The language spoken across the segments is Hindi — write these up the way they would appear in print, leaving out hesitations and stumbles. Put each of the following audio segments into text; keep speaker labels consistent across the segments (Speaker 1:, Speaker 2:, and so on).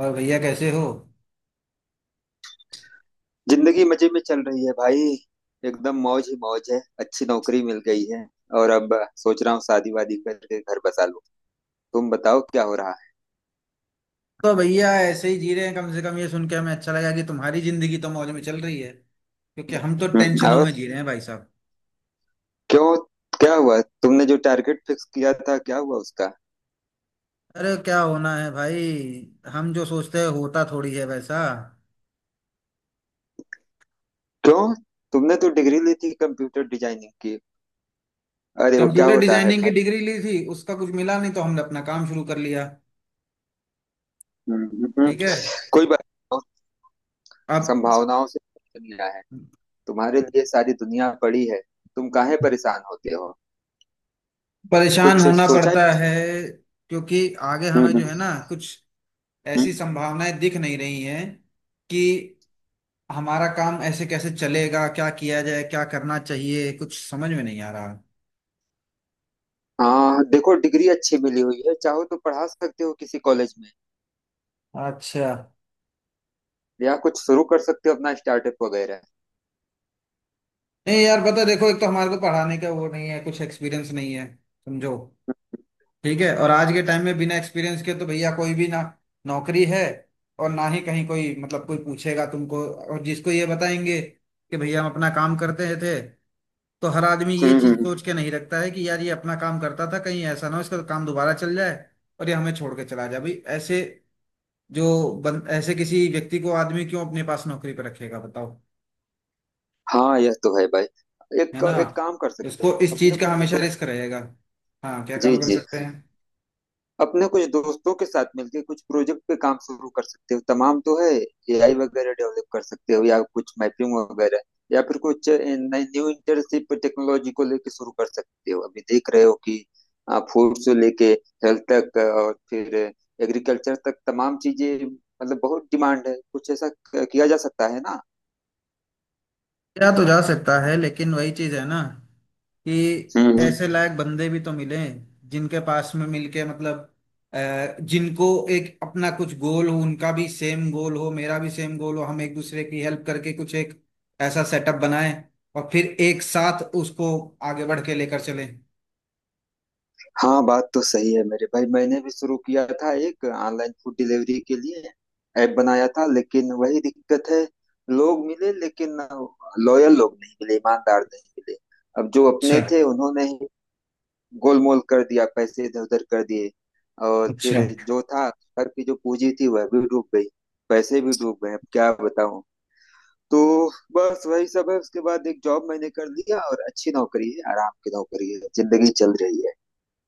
Speaker 1: और भैया कैसे हो।
Speaker 2: जिंदगी मजे में चल रही है भाई। एकदम मौज ही मौज है। अच्छी नौकरी मिल गई है। और अब सोच रहा हूँ शादी वादी करके घर बसा लूं। तुम बताओ क्या हो रहा है।
Speaker 1: तो भैया ऐसे ही जी रहे हैं, कम से कम ये सुन के हमें अच्छा लगा कि तुम्हारी जिंदगी तो मौज में चल रही है। क्योंकि हम तो
Speaker 2: हम्म।
Speaker 1: टेंशनों
Speaker 2: और
Speaker 1: में जी रहे हैं भाई साहब।
Speaker 2: क्यों? क्या हुआ तुमने जो टारगेट फिक्स किया था, क्या हुआ उसका?
Speaker 1: अरे क्या होना है भाई, हम जो सोचते हैं होता थोड़ी है वैसा।
Speaker 2: क्यों? तुमने तो डिग्री ली थी कंप्यूटर डिजाइनिंग की। अरे वो क्या
Speaker 1: कंप्यूटर
Speaker 2: होता है
Speaker 1: डिजाइनिंग की
Speaker 2: भाई?
Speaker 1: डिग्री ली थी, उसका कुछ मिला नहीं तो हमने अपना काम शुरू कर लिया।
Speaker 2: हम्म। हम्म।
Speaker 1: ठीक है।
Speaker 2: कोई बात नहीं।
Speaker 1: अब
Speaker 2: संभावनाओं से दुनिया है। तुम्हारे लिए सारी दुनिया पड़ी है। तुम काहे परेशान होते हो?
Speaker 1: परेशान
Speaker 2: कुछ
Speaker 1: होना
Speaker 2: सोचा है?
Speaker 1: पड़ता है क्योंकि आगे हमें
Speaker 2: हम्म।
Speaker 1: जो है ना कुछ ऐसी
Speaker 2: हम्म।
Speaker 1: संभावनाएं दिख नहीं रही हैं कि हमारा काम ऐसे कैसे चलेगा, क्या किया जाए, क्या करना चाहिए, कुछ समझ में नहीं आ रहा।
Speaker 2: हाँ देखो, डिग्री अच्छी मिली हुई है। चाहो तो पढ़ा सकते हो किसी कॉलेज में,
Speaker 1: अच्छा।
Speaker 2: या कुछ शुरू कर सकते हो अपना स्टार्टअप वगैरह।
Speaker 1: नहीं यार, पता है, देखो, एक तो हमारे को पढ़ाने का वो नहीं है, कुछ एक्सपीरियंस नहीं है समझो। ठीक है। और आज के टाइम में बिना एक्सपीरियंस के तो भैया कोई भी ना नौकरी है और ना ही कहीं कोई मतलब कोई पूछेगा तुमको। और जिसको ये बताएंगे कि भैया हम अपना काम करते थे, तो हर आदमी ये
Speaker 2: हम्म।
Speaker 1: चीज
Speaker 2: हम्म।
Speaker 1: सोच के नहीं रखता है कि यार ये अपना काम करता था कहीं ऐसा ना हो इसका तो काम दोबारा चल जाए और ये हमें छोड़ के चला जाए भाई। ऐसे ऐसे किसी व्यक्ति को आदमी क्यों अपने पास नौकरी पर रखेगा बताओ।
Speaker 2: हाँ यह तो है भाई।
Speaker 1: है
Speaker 2: एक
Speaker 1: ना।
Speaker 2: एक काम कर सकते
Speaker 1: उसको
Speaker 2: हो
Speaker 1: इस चीज
Speaker 2: अपने
Speaker 1: का
Speaker 2: कुछ
Speaker 1: हमेशा
Speaker 2: दोस्त।
Speaker 1: रिस्क रहेगा। हाँ क्या
Speaker 2: जी
Speaker 1: काम कर
Speaker 2: जी।
Speaker 1: सकते हैं।
Speaker 2: अपने कुछ दोस्तों के साथ मिलके कुछ प्रोजेक्ट पे काम शुरू कर सकते हो, तमाम तो है। एआई वगैरह डेवलप कर सकते हो या कुछ मैपिंग वगैरह। या फिर कुछ नई न्यू इंटर्नशिप टेक्नोलॉजी को लेके शुरू कर सकते हो। अभी देख रहे हो कि फूड से लेके हेल्थ तक और फिर एग्रीकल्चर तक तमाम चीजें। मतलब बहुत डिमांड है। कुछ ऐसा किया जा सकता है।
Speaker 1: या तो जा सकता है लेकिन वही चीज है ना कि
Speaker 2: ना।
Speaker 1: ऐसे लायक बंदे भी तो मिले जिनके पास में मिलके मतलब जिनको एक अपना कुछ गोल हो, उनका भी सेम गोल हो, मेरा भी सेम गोल हो, हम एक दूसरे की हेल्प करके कुछ एक ऐसा सेटअप बनाएं और फिर एक साथ उसको आगे बढ़ के लेकर चलें।
Speaker 2: हाँ बात तो सही है मेरे भाई। मैंने भी शुरू किया था एक ऑनलाइन फूड डिलीवरी के लिए ऐप बनाया था, लेकिन वही दिक्कत है। लोग मिले, लेकिन लॉयल लोग नहीं मिले, ईमानदार नहीं मिले। अब जो
Speaker 1: अच्छा
Speaker 2: अपने थे उन्होंने ही गोलमोल कर दिया, पैसे इधर उधर कर दिए। और
Speaker 1: अच्छा।
Speaker 2: फिर जो था, घर की जो पूंजी थी वह भी डूब गई, पैसे भी डूब गए। अब क्या बताऊं। तो बस वही सब है। उसके बाद एक जॉब मैंने कर लिया, और अच्छी नौकरी है, आराम की नौकरी है, जिंदगी चल रही है।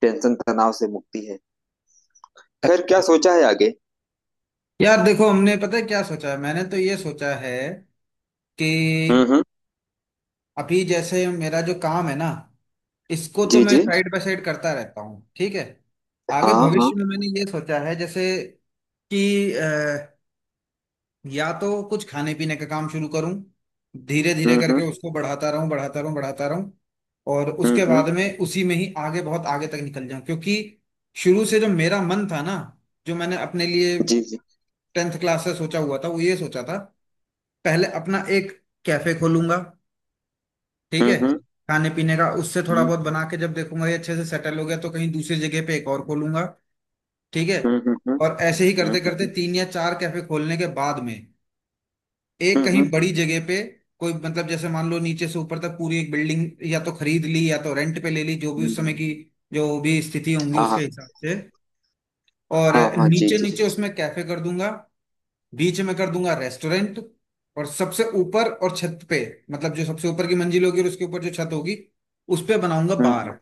Speaker 2: टेंशन तनाव से मुक्ति है। खैर, क्या सोचा है आगे?
Speaker 1: यार देखो, हमने पता है क्या सोचा है, मैंने तो ये सोचा है कि
Speaker 2: हम्म।
Speaker 1: अभी जैसे मेरा जो काम है ना, इसको तो
Speaker 2: जी
Speaker 1: मैं
Speaker 2: जी।
Speaker 1: साइड बाय साइड करता रहता हूँ, ठीक है। आगे
Speaker 2: हाँ हाँ।
Speaker 1: भविष्य में मैंने ये सोचा है, जैसे कि अ, या तो कुछ खाने पीने का काम शुरू करूँ, धीरे धीरे करके
Speaker 2: हम्म।
Speaker 1: उसको बढ़ाता रहूँ, बढ़ाता रहूँ, बढ़ाता रहूँ और उसके
Speaker 2: हम्म।
Speaker 1: बाद में उसी में ही आगे बहुत आगे तक निकल जाऊं। क्योंकि शुरू से जो मेरा मन था ना, जो मैंने अपने लिए
Speaker 2: जी जी।
Speaker 1: टेंथ क्लास से सोचा हुआ था, वो ये सोचा था, पहले अपना एक कैफे खोलूंगा, ठीक है।
Speaker 2: हम्म।
Speaker 1: खाने पीने का उससे थोड़ा बहुत बना के, जब देखूंगा ये अच्छे से सेटल हो गया तो कहीं दूसरी जगह पे एक और खोलूंगा, ठीक है।
Speaker 2: हम्म।
Speaker 1: और ऐसे ही करते करते
Speaker 2: हम्म।
Speaker 1: तीन या चार कैफे खोलने के बाद में एक कहीं
Speaker 2: हम्म।
Speaker 1: बड़ी जगह पे कोई मतलब जैसे मान लो नीचे से ऊपर तक पूरी एक बिल्डिंग या तो खरीद ली या तो रेंट पे ले ली, जो भी उस
Speaker 2: हम्म।
Speaker 1: समय की जो भी स्थिति होंगी
Speaker 2: हाँ
Speaker 1: उसके
Speaker 2: हाँ।
Speaker 1: हिसाब से। और
Speaker 2: हाँ हाँ। जी
Speaker 1: नीचे
Speaker 2: जी।
Speaker 1: नीचे उसमें कैफे कर दूंगा, बीच में कर दूंगा रेस्टोरेंट, और सबसे ऊपर और छत पे, मतलब जो सबसे ऊपर की मंजिल होगी और उसके ऊपर जो छत होगी, उस पे बनाऊंगा
Speaker 2: हम्म।
Speaker 1: बार।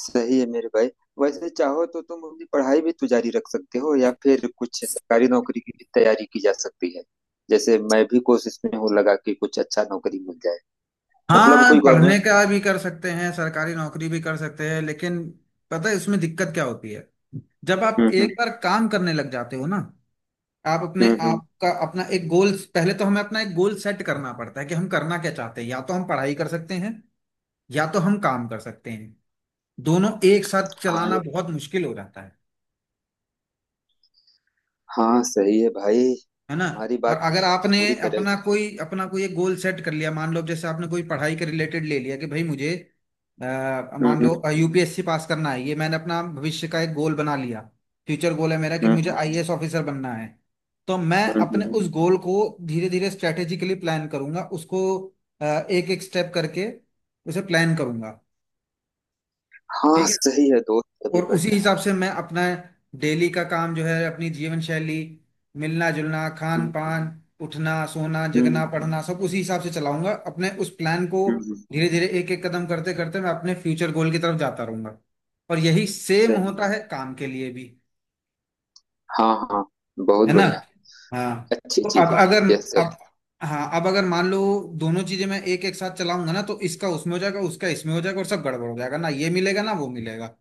Speaker 2: सही है मेरे भाई। वैसे चाहो तो तुम अपनी पढ़ाई भी तो जारी रख सकते हो, या फिर कुछ सरकारी नौकरी की भी तैयारी की जा सकती है। जैसे मैं भी कोशिश में हूँ, लगा कि कुछ अच्छा नौकरी मिल जाए। मतलब
Speaker 1: हाँ
Speaker 2: कोई
Speaker 1: पढ़ने
Speaker 2: गवर्नमेंट।
Speaker 1: का भी कर सकते हैं, सरकारी नौकरी भी कर सकते हैं, लेकिन पता है इसमें दिक्कत क्या होती है, जब आप
Speaker 2: हम्म।
Speaker 1: एक बार काम करने लग जाते हो ना, आप अपने
Speaker 2: हम्म।
Speaker 1: आप का अपना एक गोल पहले तो हमें अपना एक गोल सेट करना पड़ता है कि हम करना क्या चाहते हैं, या तो हम पढ़ाई कर सकते हैं या तो हम काम कर सकते हैं। दोनों एक साथ
Speaker 2: हाँ
Speaker 1: चलाना
Speaker 2: यार।
Speaker 1: बहुत मुश्किल हो जाता है।
Speaker 2: हाँ सही है भाई।
Speaker 1: है ना।
Speaker 2: तुम्हारी
Speaker 1: और
Speaker 2: बात
Speaker 1: अगर आपने
Speaker 2: पूरी तरह।
Speaker 1: अपना कोई एक गोल सेट कर लिया, मान लो जैसे आपने कोई पढ़ाई के रिलेटेड ले लिया कि भाई मुझे अ, मान
Speaker 2: हम्म।
Speaker 1: लो यूपीएससी पास करना है, ये मैंने अपना भविष्य का एक गोल बना लिया। फ्यूचर गोल है मेरा कि मुझे
Speaker 2: हम्म।
Speaker 1: आईएएस ऑफिसर बनना है, तो मैं
Speaker 2: हम्म।
Speaker 1: अपने उस गोल को धीरे धीरे स्ट्रेटेजिकली प्लान करूंगा, उसको एक एक स्टेप करके उसे प्लान करूंगा,
Speaker 2: हाँ
Speaker 1: ठीक है।
Speaker 2: सही है दोस्त। अभी
Speaker 1: और उसी
Speaker 2: बढ़िया है।
Speaker 1: हिसाब से मैं अपना डेली का काम जो है, अपनी जीवन शैली, मिलना जुलना, खान
Speaker 2: हम्म।
Speaker 1: पान, उठना सोना, जगना,
Speaker 2: हम्म।
Speaker 1: पढ़ना, सब उसी हिसाब से चलाऊंगा अपने उस प्लान को।
Speaker 2: हम्म।
Speaker 1: धीरे धीरे एक एक कदम करते करते मैं अपने फ्यूचर गोल की तरफ जाता रहूंगा। और यही सेम
Speaker 2: सही
Speaker 1: होता
Speaker 2: है।
Speaker 1: है काम के लिए भी।
Speaker 2: हाँ हाँ। बहुत
Speaker 1: है ना।
Speaker 2: बढ़िया।
Speaker 1: हाँ।
Speaker 2: अच्छी
Speaker 1: तो
Speaker 2: चीज
Speaker 1: अब
Speaker 2: है
Speaker 1: अगर
Speaker 2: यह सब।
Speaker 1: अब हाँ, अब अगर मान लो दोनों चीजें मैं एक एक साथ चलाऊंगा ना तो इसका उसमें हो जाएगा, उसका इसमें हो जाएगा और सब गड़बड़ हो जाएगा, ना ये मिलेगा ना वो मिलेगा।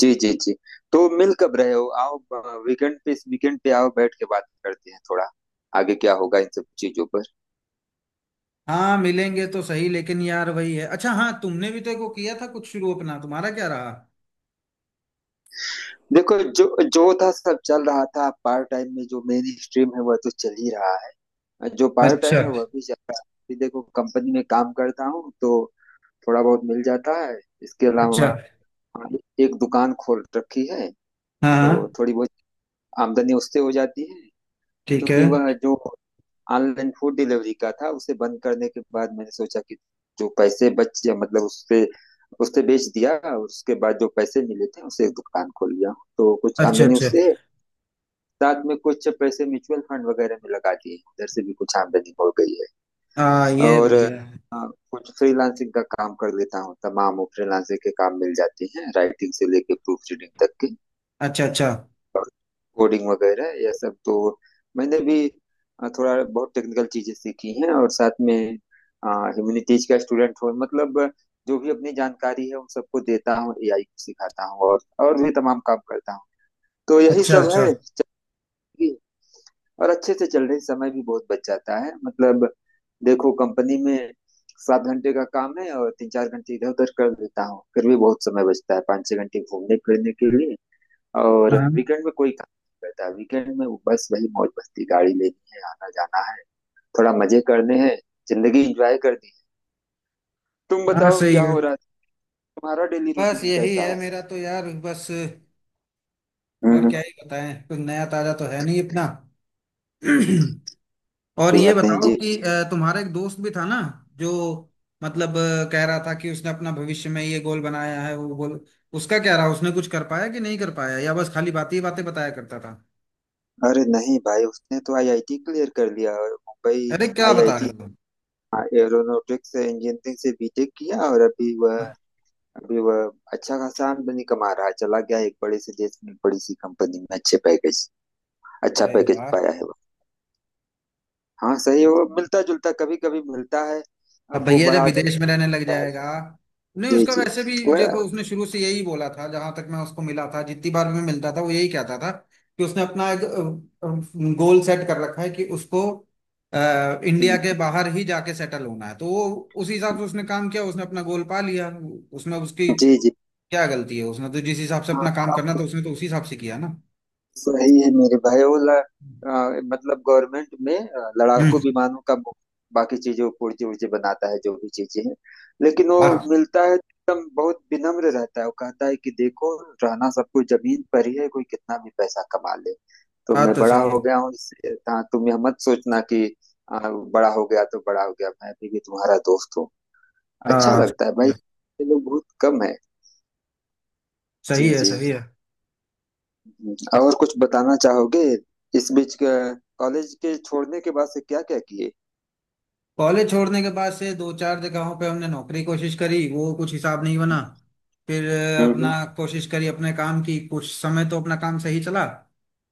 Speaker 2: जी जी जी। तो मिल कब रहे हो? आओ। वीकेंड पे, इस वीकेंड पे आओ, बैठ के बात करते हैं थोड़ा, आगे क्या होगा इन सब चीजों पर।
Speaker 1: हाँ मिलेंगे तो सही, लेकिन यार वही है। अच्छा हाँ, तुमने भी तो एक वो किया था कुछ शुरू अपना, तुम्हारा क्या रहा।
Speaker 2: देखो, जो जो था सब चल रहा था। पार्ट टाइम में, जो मेन स्ट्रीम है वह तो चल ही रहा है, जो पार्ट
Speaker 1: अच्छा
Speaker 2: टाइम है वह भी चल रहा है। अभी देखो, कंपनी में काम करता हूँ तो थोड़ा बहुत मिल जाता है। इसके अलावा,
Speaker 1: अच्छा।
Speaker 2: हाँ, एक दुकान खोल रखी है,
Speaker 1: हाँ
Speaker 2: तो
Speaker 1: हाँ,
Speaker 2: थोड़ी बहुत आमदनी उससे हो जाती है।
Speaker 1: ठीक है।
Speaker 2: क्योंकि वह जो ऑनलाइन फूड डिलीवरी का था, उसे बंद करने के बाद मैंने सोचा कि जो पैसे बच गया मतलब उससे उससे बेच दिया, और उसके बाद जो पैसे मिले थे उसे एक दुकान खोल लिया। तो कुछ
Speaker 1: अच्छा
Speaker 2: आमदनी
Speaker 1: अच्छा।
Speaker 2: उससे। साथ में कुछ पैसे म्यूचुअल फंड वगैरह में लगा दिए, उधर से भी कुछ आमदनी हो गई है।
Speaker 1: हाँ ये
Speaker 2: और
Speaker 1: बढ़िया है।
Speaker 2: हाँ, कुछ फ्रीलांसिंग का काम कर लेता हूँ, तमाम वो फ्रीलांसिंग के काम मिल जाते हैं, राइटिंग से लेके प्रूफ रीडिंग तक के।
Speaker 1: अच्छा अच्छा।
Speaker 2: और कोडिंग वगैरह यह सब तो मैंने भी थोड़ा बहुत टेक्निकल चीजें सीखी हैं, और साथ में ह्यूमैनिटीज का स्टूडेंट हूँ, मतलब जो भी अपनी जानकारी है उन सबको देता हूँ, एआई को सिखाता हूँ, और भी तमाम काम करता हूँ। तो यही
Speaker 1: अच्छा
Speaker 2: सब है।
Speaker 1: अच्छा।
Speaker 2: कि- और अच्छे से चल रही, समय भी बहुत बच जाता है। मतलब देखो, कंपनी में 7 घंटे का काम है, और 3-4 घंटे इधर उधर कर देता हूँ, फिर भी बहुत समय बचता है, 5-6 घंटे घूमने फिरने के लिए। और
Speaker 1: हाँ।
Speaker 2: वीकेंड में कोई काम नहीं करता, वीकेंड में वो बस वही मौज मस्ती, गाड़ी लेनी है, आना जाना है, थोड़ा मजे करने हैं, जिंदगी एंजॉय करनी है। तुम
Speaker 1: हाँ
Speaker 2: बताओ
Speaker 1: सही
Speaker 2: क्या
Speaker 1: है।
Speaker 2: हो रहा है? तुम्हारा डेली
Speaker 1: बस
Speaker 2: रूटीन
Speaker 1: यही
Speaker 2: कैसा
Speaker 1: है
Speaker 2: है?
Speaker 1: मेरा तो यार, बस और क्या
Speaker 2: हम्म।
Speaker 1: ही बताएं, कुछ नया ताजा तो है नहीं इतना। और
Speaker 2: कोई
Speaker 1: ये
Speaker 2: बात नहीं
Speaker 1: बताओ
Speaker 2: जी।
Speaker 1: कि तुम्हारा एक दोस्त भी था ना, जो मतलब कह रहा था कि उसने अपना भविष्य में ये गोल बनाया है वो गोल, उसका क्या रहा, उसने कुछ कर पाया कि नहीं कर पाया, या बस खाली बातें ही बातें बताया करता था।
Speaker 2: अरे नहीं भाई, उसने तो आईआईटी क्लियर कर लिया, और मुंबई
Speaker 1: अरे क्या बता
Speaker 2: आईआईटी
Speaker 1: रहे हो।
Speaker 2: एरोनॉटिक्स इंजीनियरिंग से बीटेक किया। और अभी वह
Speaker 1: हाँ।
Speaker 2: अभी वह अच्छा खासा आमदनी कमा रहा है, चला गया एक बड़े से देश में एक बड़ी सी कंपनी में, अच्छे पैकेज अच्छा
Speaker 1: अरे
Speaker 2: पैकेज
Speaker 1: वाह।
Speaker 2: पाया है। हाँ सही है। वो मिलता जुलता, कभी कभी मिलता है।
Speaker 1: अब
Speaker 2: अब वो
Speaker 1: भैया जब
Speaker 2: बड़ा आदमी
Speaker 1: विदेश में
Speaker 2: भी,
Speaker 1: रहने लग
Speaker 2: मिलता है।
Speaker 1: जाएगा। नहीं
Speaker 2: जी
Speaker 1: उसका
Speaker 2: जी।
Speaker 1: वैसे भी
Speaker 2: वह।
Speaker 1: देखो, उसने शुरू से यही बोला था, जहां तक मैं उसको मिला था, जितनी बार भी मैं मिलता था वो यही कहता था कि उसने अपना एक गोल सेट कर रखा है कि उसको इंडिया के बाहर ही जाके सेटल होना है। तो वो उस हिसाब से उसने काम किया, उसने अपना गोल पा लिया। उसमें उसकी
Speaker 2: जी जी।
Speaker 1: क्या गलती है, उसने तो जिस हिसाब से अपना काम करना
Speaker 2: हाँ
Speaker 1: था उसने तो उसी हिसाब से किया ना।
Speaker 2: सही है मेरे भाई। वो
Speaker 1: हम्म।
Speaker 2: मतलब गवर्नमेंट में लड़ाकू विमानों का बाकी चीजों पुर्जे उर्जे बनाता है, जो भी चीजें हैं। लेकिन वो
Speaker 1: बात
Speaker 2: मिलता है, एकदम बहुत विनम्र रहता है। वो कहता है कि देखो, रहना सब कुछ जमीन पर ही है, कोई कितना भी पैसा कमा ले। तो
Speaker 1: बात
Speaker 2: मैं
Speaker 1: तो
Speaker 2: बड़ा
Speaker 1: सही है।
Speaker 2: हो गया हूँ हाँ तुम यह मत सोचना कि बड़ा हो गया तो बड़ा हो गया, मैं अभी भी तुम्हारा दोस्त हूँ। अच्छा
Speaker 1: हाँ
Speaker 2: लगता है
Speaker 1: सही
Speaker 2: भाई,
Speaker 1: है।
Speaker 2: ये लोग बहुत कम है। जी
Speaker 1: सही है
Speaker 2: जी।
Speaker 1: सही है।
Speaker 2: और कुछ बताना चाहोगे? इस बीच कॉलेज के छोड़ने के बाद से क्या क्या किए?
Speaker 1: कॉलेज छोड़ने के बाद से दो चार जगहों पे हमने नौकरी कोशिश करी, वो कुछ हिसाब नहीं बना। फिर
Speaker 2: हम्म
Speaker 1: अपना कोशिश करी अपने काम की, कुछ समय तो अपना काम सही चला।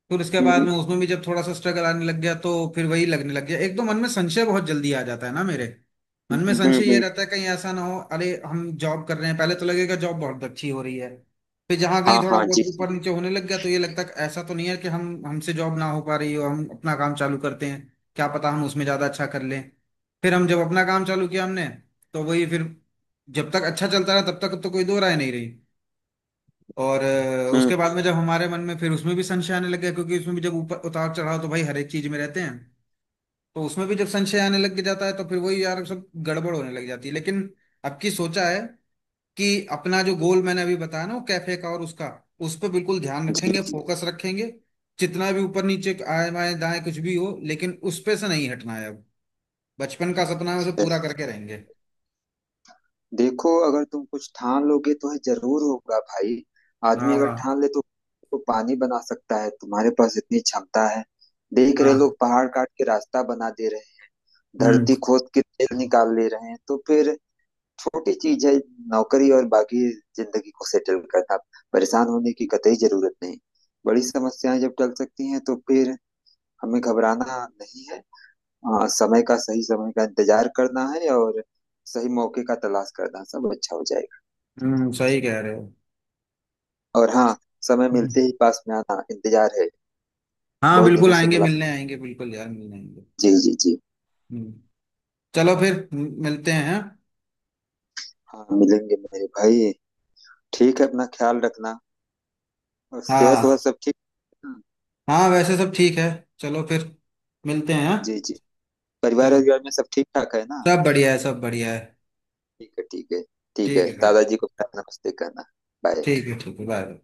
Speaker 1: फिर उसके बाद
Speaker 2: हम्म।
Speaker 1: में उसमें भी जब थोड़ा सा स्ट्रगल आने लग गया तो फिर वही लगने लग गया। एक तो मन में संशय बहुत जल्दी आ जाता है ना मेरे।
Speaker 2: हम्म।
Speaker 1: मन में
Speaker 2: हम्म।
Speaker 1: संशय ये
Speaker 2: हम्म।
Speaker 1: रहता है कहीं ऐसा ना हो, अरे हम जॉब कर रहे हैं, पहले तो लगेगा जॉब बहुत अच्छी हो रही है, फिर जहाँ कहीं
Speaker 2: हाँ
Speaker 1: थोड़ा
Speaker 2: हाँ।
Speaker 1: बहुत
Speaker 2: जी जी।
Speaker 1: ऊपर नीचे होने लग गया तो ये लगता है कि ऐसा तो नहीं है कि हम हमसे जॉब ना हो पा रही हो, हम अपना काम चालू करते हैं, क्या पता हम उसमें ज्यादा अच्छा कर लें। फिर हम जब अपना काम चालू किया हमने, तो वही फिर जब तक अच्छा चलता रहा तब तक तो कोई दो राय नहीं रही। और
Speaker 2: हम्म।
Speaker 1: उसके बाद में जब हमारे मन में फिर उसमें भी संशय आने लग गया, क्योंकि उसमें भी जब ऊपर उतार चढ़ाव तो भाई हर एक चीज में रहते हैं, तो उसमें भी जब संशय आने लग जाता है तो फिर वही यार सब गड़बड़ होने लग जाती है। लेकिन अब की सोचा है कि अपना जो गोल मैंने अभी बताया ना, वो कैफे का और उसका, उस पर बिल्कुल ध्यान
Speaker 2: जी
Speaker 1: रखेंगे,
Speaker 2: जी।
Speaker 1: फोकस रखेंगे। जितना भी ऊपर नीचे आए, बाएं दाएं कुछ भी हो, लेकिन उस पे से नहीं हटना है अब। बचपन का सपना है, उसे
Speaker 2: सही।
Speaker 1: पूरा करके रहेंगे।
Speaker 2: देखो, अगर तुम कुछ ठान लोगे तो ये जरूर होगा भाई। आदमी अगर ठान
Speaker 1: हाँ
Speaker 2: ले, तो पानी बना सकता है। तुम्हारे पास इतनी क्षमता है। देख रहे,
Speaker 1: हाँ।
Speaker 2: लोग पहाड़ काट के रास्ता बना दे रहे हैं,
Speaker 1: हम्म।
Speaker 2: धरती खोद के तेल निकाल ले रहे हैं। तो फिर छोटी चीज है, नौकरी और बाकी जिंदगी को सेटल करना। परेशान होने की कतई जरूरत नहीं। बड़ी समस्याएं जब टल सकती हैं, तो फिर हमें घबराना नहीं है। हाँ, समय का सही समय का इंतजार करना है, और सही मौके का तलाश करना, सब अच्छा हो जाएगा।
Speaker 1: सही कह रहे
Speaker 2: और हाँ, समय
Speaker 1: हो।
Speaker 2: मिलते ही पास में आना, इंतजार है।
Speaker 1: हाँ
Speaker 2: बहुत
Speaker 1: बिल्कुल
Speaker 2: दिनों से
Speaker 1: आएंगे,
Speaker 2: मुलाकात।
Speaker 1: मिलने आएंगे बिल्कुल यार, मिलने आएंगे।
Speaker 2: जी जी जी।
Speaker 1: हम्म, चलो फिर मिलते हैं।
Speaker 2: हाँ मिलेंगे मेरे भाई। ठीक है, अपना ख्याल रखना। और सेहत वह
Speaker 1: हाँ।
Speaker 2: सब ठीक। हम्म।
Speaker 1: हाँ हाँ, वैसे सब ठीक है। चलो फिर मिलते हैं
Speaker 2: जी
Speaker 1: हाँ?
Speaker 2: जी। परिवार
Speaker 1: चलो,
Speaker 2: और घर में सब ठीक ठाक है ना?
Speaker 1: सब बढ़िया है, सब बढ़िया है।
Speaker 2: ठीक है, ठीक है। ठीक है,
Speaker 1: ठीक है भाई।
Speaker 2: दादाजी को नमस्ते कहना। बाय।
Speaker 1: ठीक है ठीक है, बाय।